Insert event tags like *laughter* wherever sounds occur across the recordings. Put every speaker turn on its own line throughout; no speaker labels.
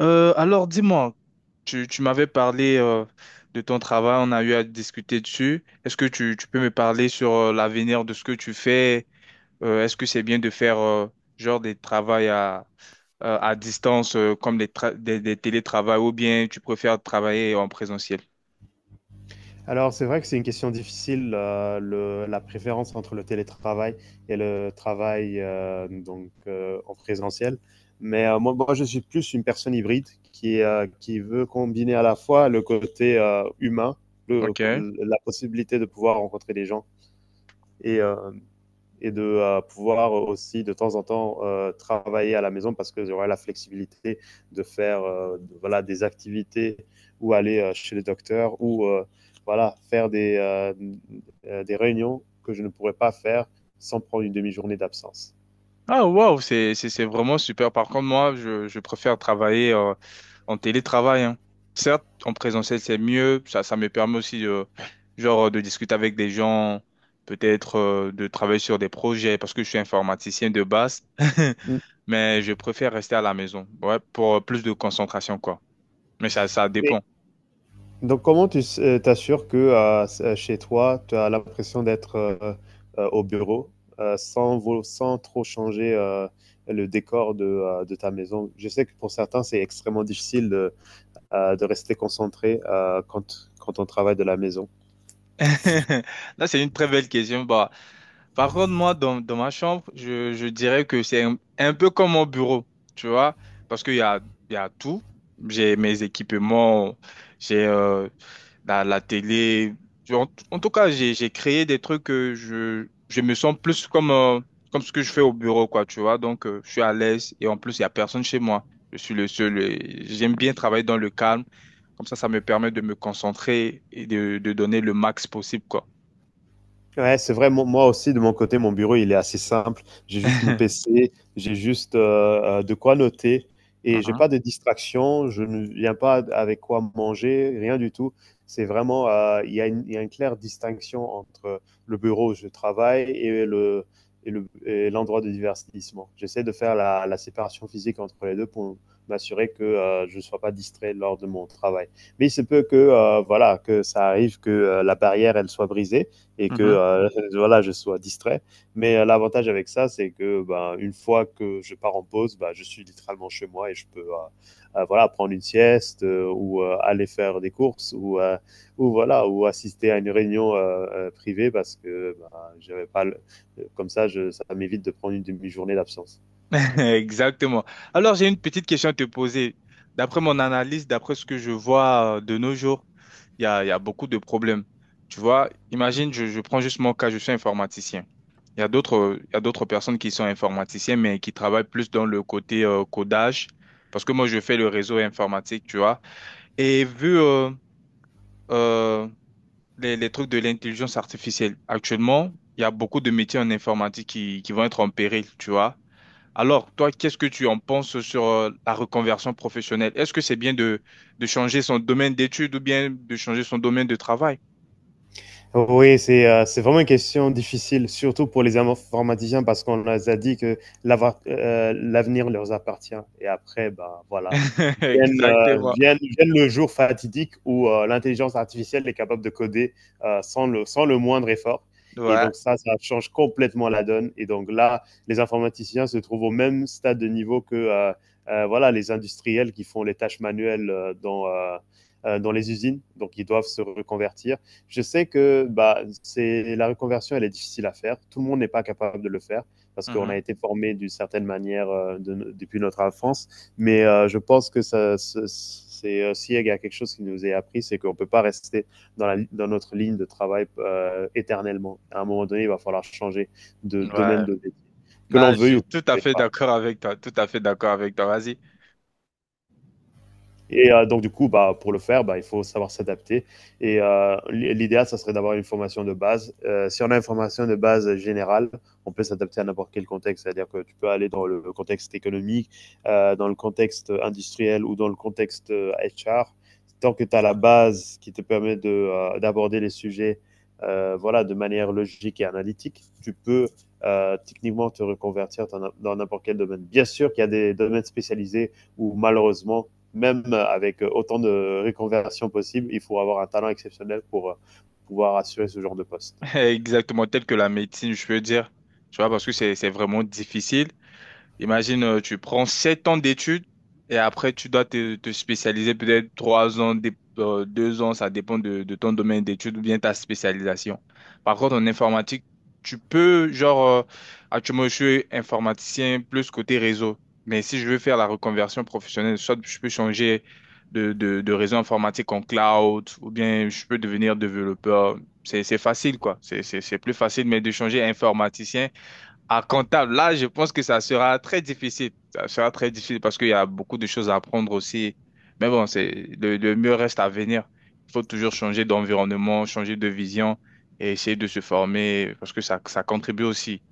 Alors dis-moi, tu m'avais parlé de ton travail, on a eu à discuter dessus. Est-ce que tu peux me parler sur l'avenir de ce que tu fais? Est-ce que c'est bien de faire genre des travails à distance comme des télétravails ou bien tu préfères travailler en présentiel?
Alors, c'est vrai que c'est une question difficile, la préférence entre le télétravail et le travail donc en présentiel. Mais moi, je suis plus une personne hybride qui veut combiner à la fois le côté humain, le,
Ok.
la possibilité de pouvoir rencontrer des gens et et de pouvoir aussi de temps en temps travailler à la maison parce que j'aurai la flexibilité de faire voilà, des activités ou aller chez les docteurs ou voilà, faire des réunions que je ne pourrais pas faire sans prendre une demi-journée d'absence.
Ah, waouh, c'est vraiment super. Par contre, moi, je préfère travailler en télétravail, hein. Certes, en présentiel, c'est mieux. Ça me permet aussi de, genre, de discuter avec des gens, peut-être de travailler sur des projets, parce que je suis informaticien de base. *laughs*
Mm.
Mais je préfère rester à la maison, ouais, pour plus de concentration, quoi. Mais ça
Et
dépend.
Donc, comment tu t'assures que chez toi, tu as l'impression d'être au bureau sans trop changer le décor de ta maison? Je sais que pour certains, c'est extrêmement difficile de rester concentré quand on travaille de la maison.
*laughs* Là, c'est une très belle question. Par contre, moi, dans ma chambre, je dirais que c'est un peu comme mon bureau, tu vois, parce qu'il y a tout. J'ai mes équipements, j'ai la télé. En tout cas, j'ai créé des trucs que je me sens plus comme, comme ce que je fais au bureau, quoi, tu vois. Donc, je suis à l'aise et en plus, il n'y a personne chez moi. Je suis le seul, et j'aime bien travailler dans le calme. Comme ça me permet de me concentrer et de donner le max possible, quoi.
Ouais, c'est vrai. Moi aussi, de mon côté, mon bureau, il est assez simple. J'ai juste mon
*laughs*
PC, j'ai juste de quoi noter et j'ai
Mhm,
pas de distraction. Je ne viens pas avec quoi manger, rien du tout. C'est vraiment, il y a une claire distinction entre le bureau où je travaille et l'endroit de divertissement. J'essaie de faire la séparation physique entre les deux pour m'assurer que je ne sois pas distrait lors de mon travail. Mais il se peut que, voilà, que ça arrive que la barrière, elle soit brisée et que
mhm.
*laughs* voilà, je sois distrait. Mais l'avantage avec ça, c'est que ben, une fois que je pars en pause, ben, je suis littéralement chez moi et je peux voilà prendre une sieste ou aller faire des courses ou voilà ou assister à une réunion privée parce que ben, j'avais pas le- comme ça, ça m'évite de prendre une demi-journée d'absence.
*laughs* Exactement. Alors, j'ai une petite question à te poser. D'après mon analyse, d'après ce que je vois de nos jours, il y a beaucoup de problèmes. Tu vois, imagine, je prends juste mon cas, je suis informaticien. Il y a d'autres personnes qui sont informaticiens, mais qui travaillent plus dans le côté codage, parce que moi, je fais le réseau informatique, tu vois. Et vu euh, les trucs de l'intelligence artificielle, actuellement, il y a beaucoup de métiers en informatique qui vont être en péril, tu vois. Alors, toi, qu'est-ce que tu en penses sur la reconversion professionnelle? Est-ce que c'est bien de changer son domaine d'études ou bien de changer son domaine de travail?
Oui, c'est vraiment une question difficile, surtout pour les informaticiens parce qu'on les a dit que l'avenir leur appartient. Et après, ben voilà.
*laughs*
vienne, euh,
Exactement.
vienne- vienne le jour fatidique où l'intelligence artificielle est capable de coder sans le moindre effort. Et
Ouais.
donc ça change complètement la donne. Et donc là, les informaticiens se trouvent au même stade de niveau que voilà, les industriels qui font les tâches manuelles dans les usines. Donc ils doivent se reconvertir. Je sais que bah, la reconversion, elle est difficile à faire. Tout le monde n'est pas capable de le faire parce qu'on a
Mhm.
été formé d'une certaine manière depuis notre enfance. Mais je pense que ça, c'est aussi il y a quelque chose qui nous est appris, c'est qu'on ne peut pas rester dans notre ligne de travail éternellement. À un moment donné, il va falloir changer de
Ouais.
domaine de métier, que l'on
Là, je
veuille ou
suis
que l'on
tout à
ne veuille
fait
pas.
d'accord avec toi. Tout à fait d'accord avec toi. Vas-y.
Et donc, du coup, bah, pour le faire, bah, il faut savoir s'adapter. Et l'idéal, ça serait d'avoir une formation de base. Si on a une formation de base générale, on peut s'adapter à n'importe quel contexte. C'est-à-dire que tu peux aller dans le contexte économique, dans le contexte industriel ou dans le contexte HR. Tant que tu as la base qui te permet d'aborder les sujets voilà, de manière logique et analytique, tu peux techniquement te reconvertir dans n'importe quel domaine. Bien sûr qu'il y a des domaines spécialisés où malheureusement, même avec autant de reconversions possibles, il faut avoir un talent exceptionnel pour pouvoir assurer ce genre de poste.
*laughs* Exactement. Tel que la médecine, je peux dire. Tu vois, parce que c'est vraiment difficile. Imagine, tu prends 7 ans d'études et après, tu dois te spécialiser peut-être 3 ans, 2 ans, ça dépend de ton domaine d'études ou bien ta spécialisation. Par contre, en informatique, tu peux, genre, actuellement, je suis informaticien plus côté réseau. Mais si je veux faire la reconversion professionnelle, soit je peux changer de réseau informatique en cloud ou bien je peux devenir développeur. C'est facile, quoi. C'est plus facile, mais de changer informaticien. À comptable, là, je pense que ça sera très difficile. Ça sera très difficile parce qu'il y a beaucoup de choses à apprendre aussi. Mais bon, c'est le mieux reste à venir. Il faut toujours changer d'environnement, changer de vision et essayer de se former parce que ça contribue aussi.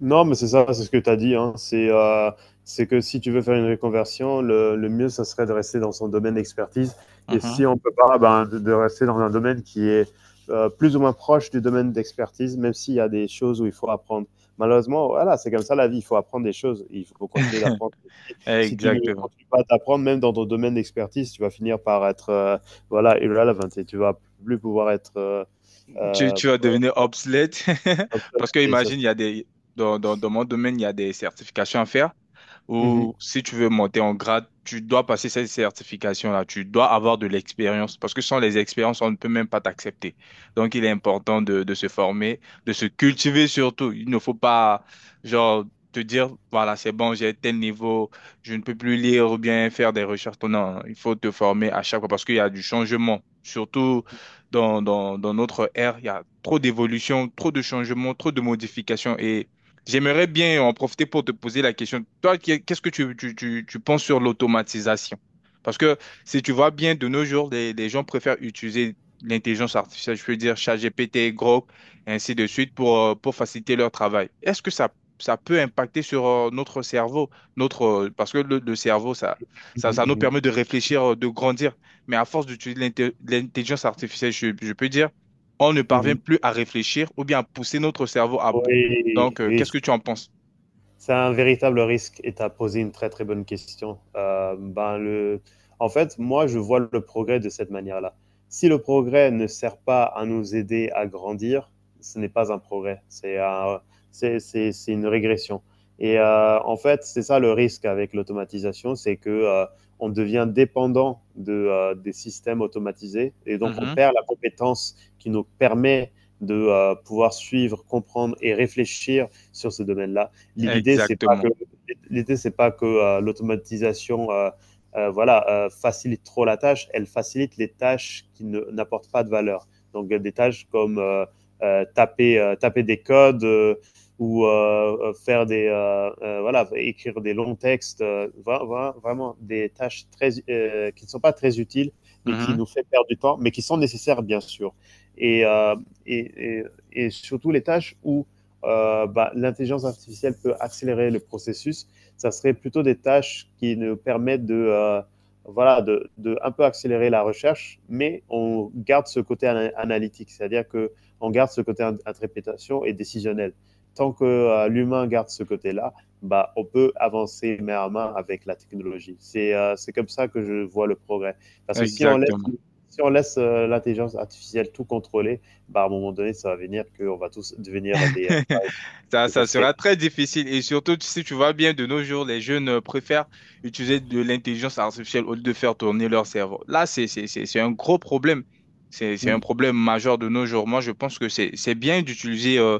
Non, mais c'est ça, c'est ce que tu as dit. Hein. C'est que si tu veux faire une reconversion, le mieux, ça serait de rester dans son domaine d'expertise. Et
Mhm.
si on peut pas, ben, de rester dans un domaine qui est plus ou moins proche du domaine d'expertise, même s'il y a des choses où il faut apprendre. Malheureusement, voilà, c'est comme ça la vie. Il faut apprendre des choses. Il faut continuer
*laughs*
d'apprendre. Si tu ne
Exactement.
continues pas d'apprendre, même dans ton domaine d'expertise, tu vas finir par être voilà, irrelevant et tu vas plus pouvoir être euh,
Tu vas devenir obsolète *laughs*
obsolète.
parce que imagine, il y a des, dans mon domaine, il y a des certifications à faire,
Mhm,
ou si tu veux monter en grade, tu dois passer cette certification-là, tu dois avoir de l'expérience, parce que sans les expériences, on ne peut même pas t'accepter. Donc, il est important de se former, de se cultiver surtout. Il ne faut pas, genre, te dire, voilà, c'est bon, j'ai tel niveau, je ne peux plus lire ou bien faire des recherches. Non, il faut te former à chaque fois, parce qu'il y a du changement, surtout dans notre ère, il y a trop d'évolution, trop de changements, trop de modifications. Et j'aimerais bien en profiter pour te poser la question. Toi, qu'est-ce que tu penses sur l'automatisation? Parce que si tu vois bien, de nos jours, les gens préfèrent utiliser l'intelligence artificielle, je veux dire ChatGPT, Grok, et ainsi de suite, pour faciliter leur travail. Est-ce que ça peut impacter sur notre cerveau, notre, parce que le cerveau, ça nous
mhm,
permet de réfléchir, de grandir. Mais à force d'utiliser l'intelligence artificielle, je peux dire, on ne
mhm,
parvient
mhm.
plus à réfléchir ou bien à pousser notre cerveau à bout.
Oui,
Donc,
oui,
qu'est-ce que tu en penses?
c'est un véritable risque et tu as posé une très très bonne question. En fait, moi, je vois le progrès de cette manière-là. Si le progrès ne sert pas à nous aider à grandir, ce n'est pas un progrès, c'est un, c'est une régression. Et en fait, c'est ça le risque avec l'automatisation, c'est que on devient dépendant des systèmes automatisés et donc on
Mhm.
perd la compétence qui nous permet de pouvoir suivre, comprendre et réfléchir sur ce domaine-là. L'idée, c'est pas que
Exactement.
l'idée, c'est pas que l'automatisation voilà, facilite trop la tâche, elle facilite les tâches qui n'apportent pas de valeur. Donc, des tâches comme taper des codes ou faire des, voilà, écrire des longs textes, vraiment des tâches très, qui ne sont pas très utiles, mais qui
Mhm.
nous fait perdre du temps, mais qui sont nécessaires, bien sûr. Et, euh, et, et, et surtout les tâches où bah, l'intelligence artificielle peut accélérer le processus. Ça serait plutôt des tâches qui nous permettent de, voilà, de un peu accélérer la recherche, mais on garde ce côté analytique, c'est-à-dire que on garde ce côté interprétation et décisionnel. Tant que l'humain garde ce côté-là, bah, on peut avancer main à main avec la technologie. C'est comme ça que je vois le progrès. Parce que si on laisse,
Exactement.
si on laisse l'intelligence artificielle tout contrôler, bah, à un moment donné, ça va venir qu'on va tous devenir des,
*laughs*
et ça
Ça
se fait.
sera très difficile. Et surtout, si tu vois bien, de nos jours, les jeunes préfèrent utiliser de l'intelligence artificielle au lieu de faire tourner leur cerveau. Là, c'est un gros problème. C'est un
Mm,
problème majeur de nos jours. Moi, je pense que c'est bien d'utiliser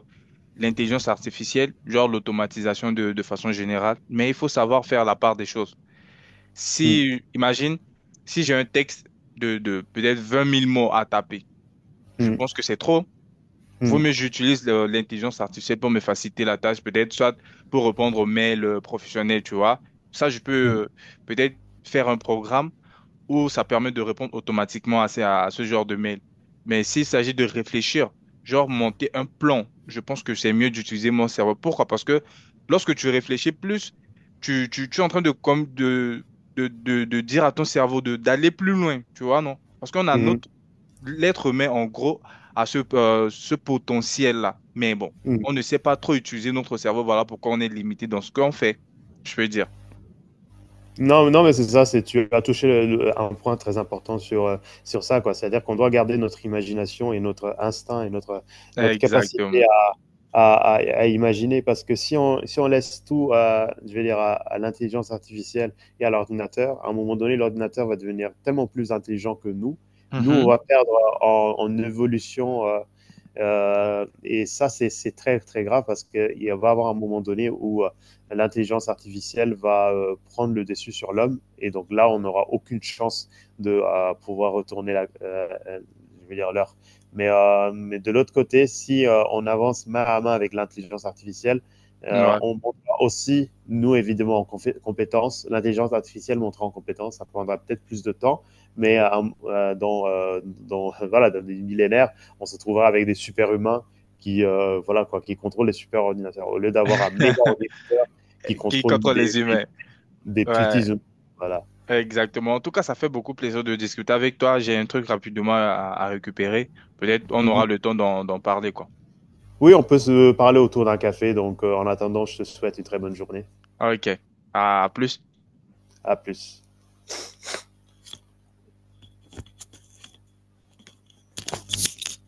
l'intelligence artificielle, genre l'automatisation de façon générale, mais il faut savoir faire la part des choses.
mm,
Si, imagine, si j'ai un texte de peut-être 20 000 mots à taper. Je
mm,
pense que c'est trop. Vaut
mm,
mieux j'utilise l'intelligence artificielle pour me faciliter la tâche, peut-être soit pour répondre aux mails professionnels, tu vois. Ça, je peux
mm,
euh, peut-être faire un programme ou ça permet de répondre automatiquement à, à ce genre de mail. Mais s'il s'agit de réfléchir, genre monter un plan, je pense que c'est mieux d'utiliser mon cerveau. Pourquoi? Parce que lorsque tu réfléchis plus, tu es en train de, comme de, de dire à ton cerveau de, d'aller plus loin, tu vois, non? Parce qu'on a
mm,
notre, l'être humain, en gros, à ce, ce potentiel-là. Mais bon,
mm.
on ne sait pas trop utiliser notre cerveau. Voilà pourquoi on est limité dans ce qu'on fait, je peux dire.
Non, non, mais c'est ça, c'est tu as touché un point très important sur ça, quoi. C'est-à-dire qu'on doit garder notre imagination et notre instinct et notre
Exactement.
capacité à imaginer, parce que si on laisse tout, à, je vais dire, à l'intelligence artificielle et à l'ordinateur, à un moment donné, l'ordinateur va devenir tellement plus intelligent que nous. Nous, on
Mhm.
va perdre en évolution. Et ça, c'est très, très grave parce qu'il va y avoir un moment donné où l'intelligence artificielle va prendre le dessus sur l'homme. Et donc là, on n'aura aucune chance de pouvoir retourner la, je veux dire l'heure. Mais de l'autre côté, si on avance main à main avec l'intelligence artificielle,
Ouais.
on montera aussi, nous évidemment, en compétences. L'intelligence artificielle montera en compétences, ça prendra peut-être plus de temps, mais *laughs* voilà, dans des millénaires, on se trouvera avec des super humains qui, voilà, quoi, qui contrôlent les super ordinateurs au lieu d'avoir un méga
*laughs*
ordinateur qui
Qui
contrôle
contre les humains.
des petits
Ouais,
humains. Voilà.
exactement. En tout cas, ça fait beaucoup plaisir de discuter avec toi. J'ai un truc rapidement à récupérer. Peut-être on
Mhm.
aura le temps d'en parler, quoi.
Oui, on peut se parler autour d'un café. Donc, en attendant, je te souhaite une très bonne journée.
Ok. À plus.
À plus.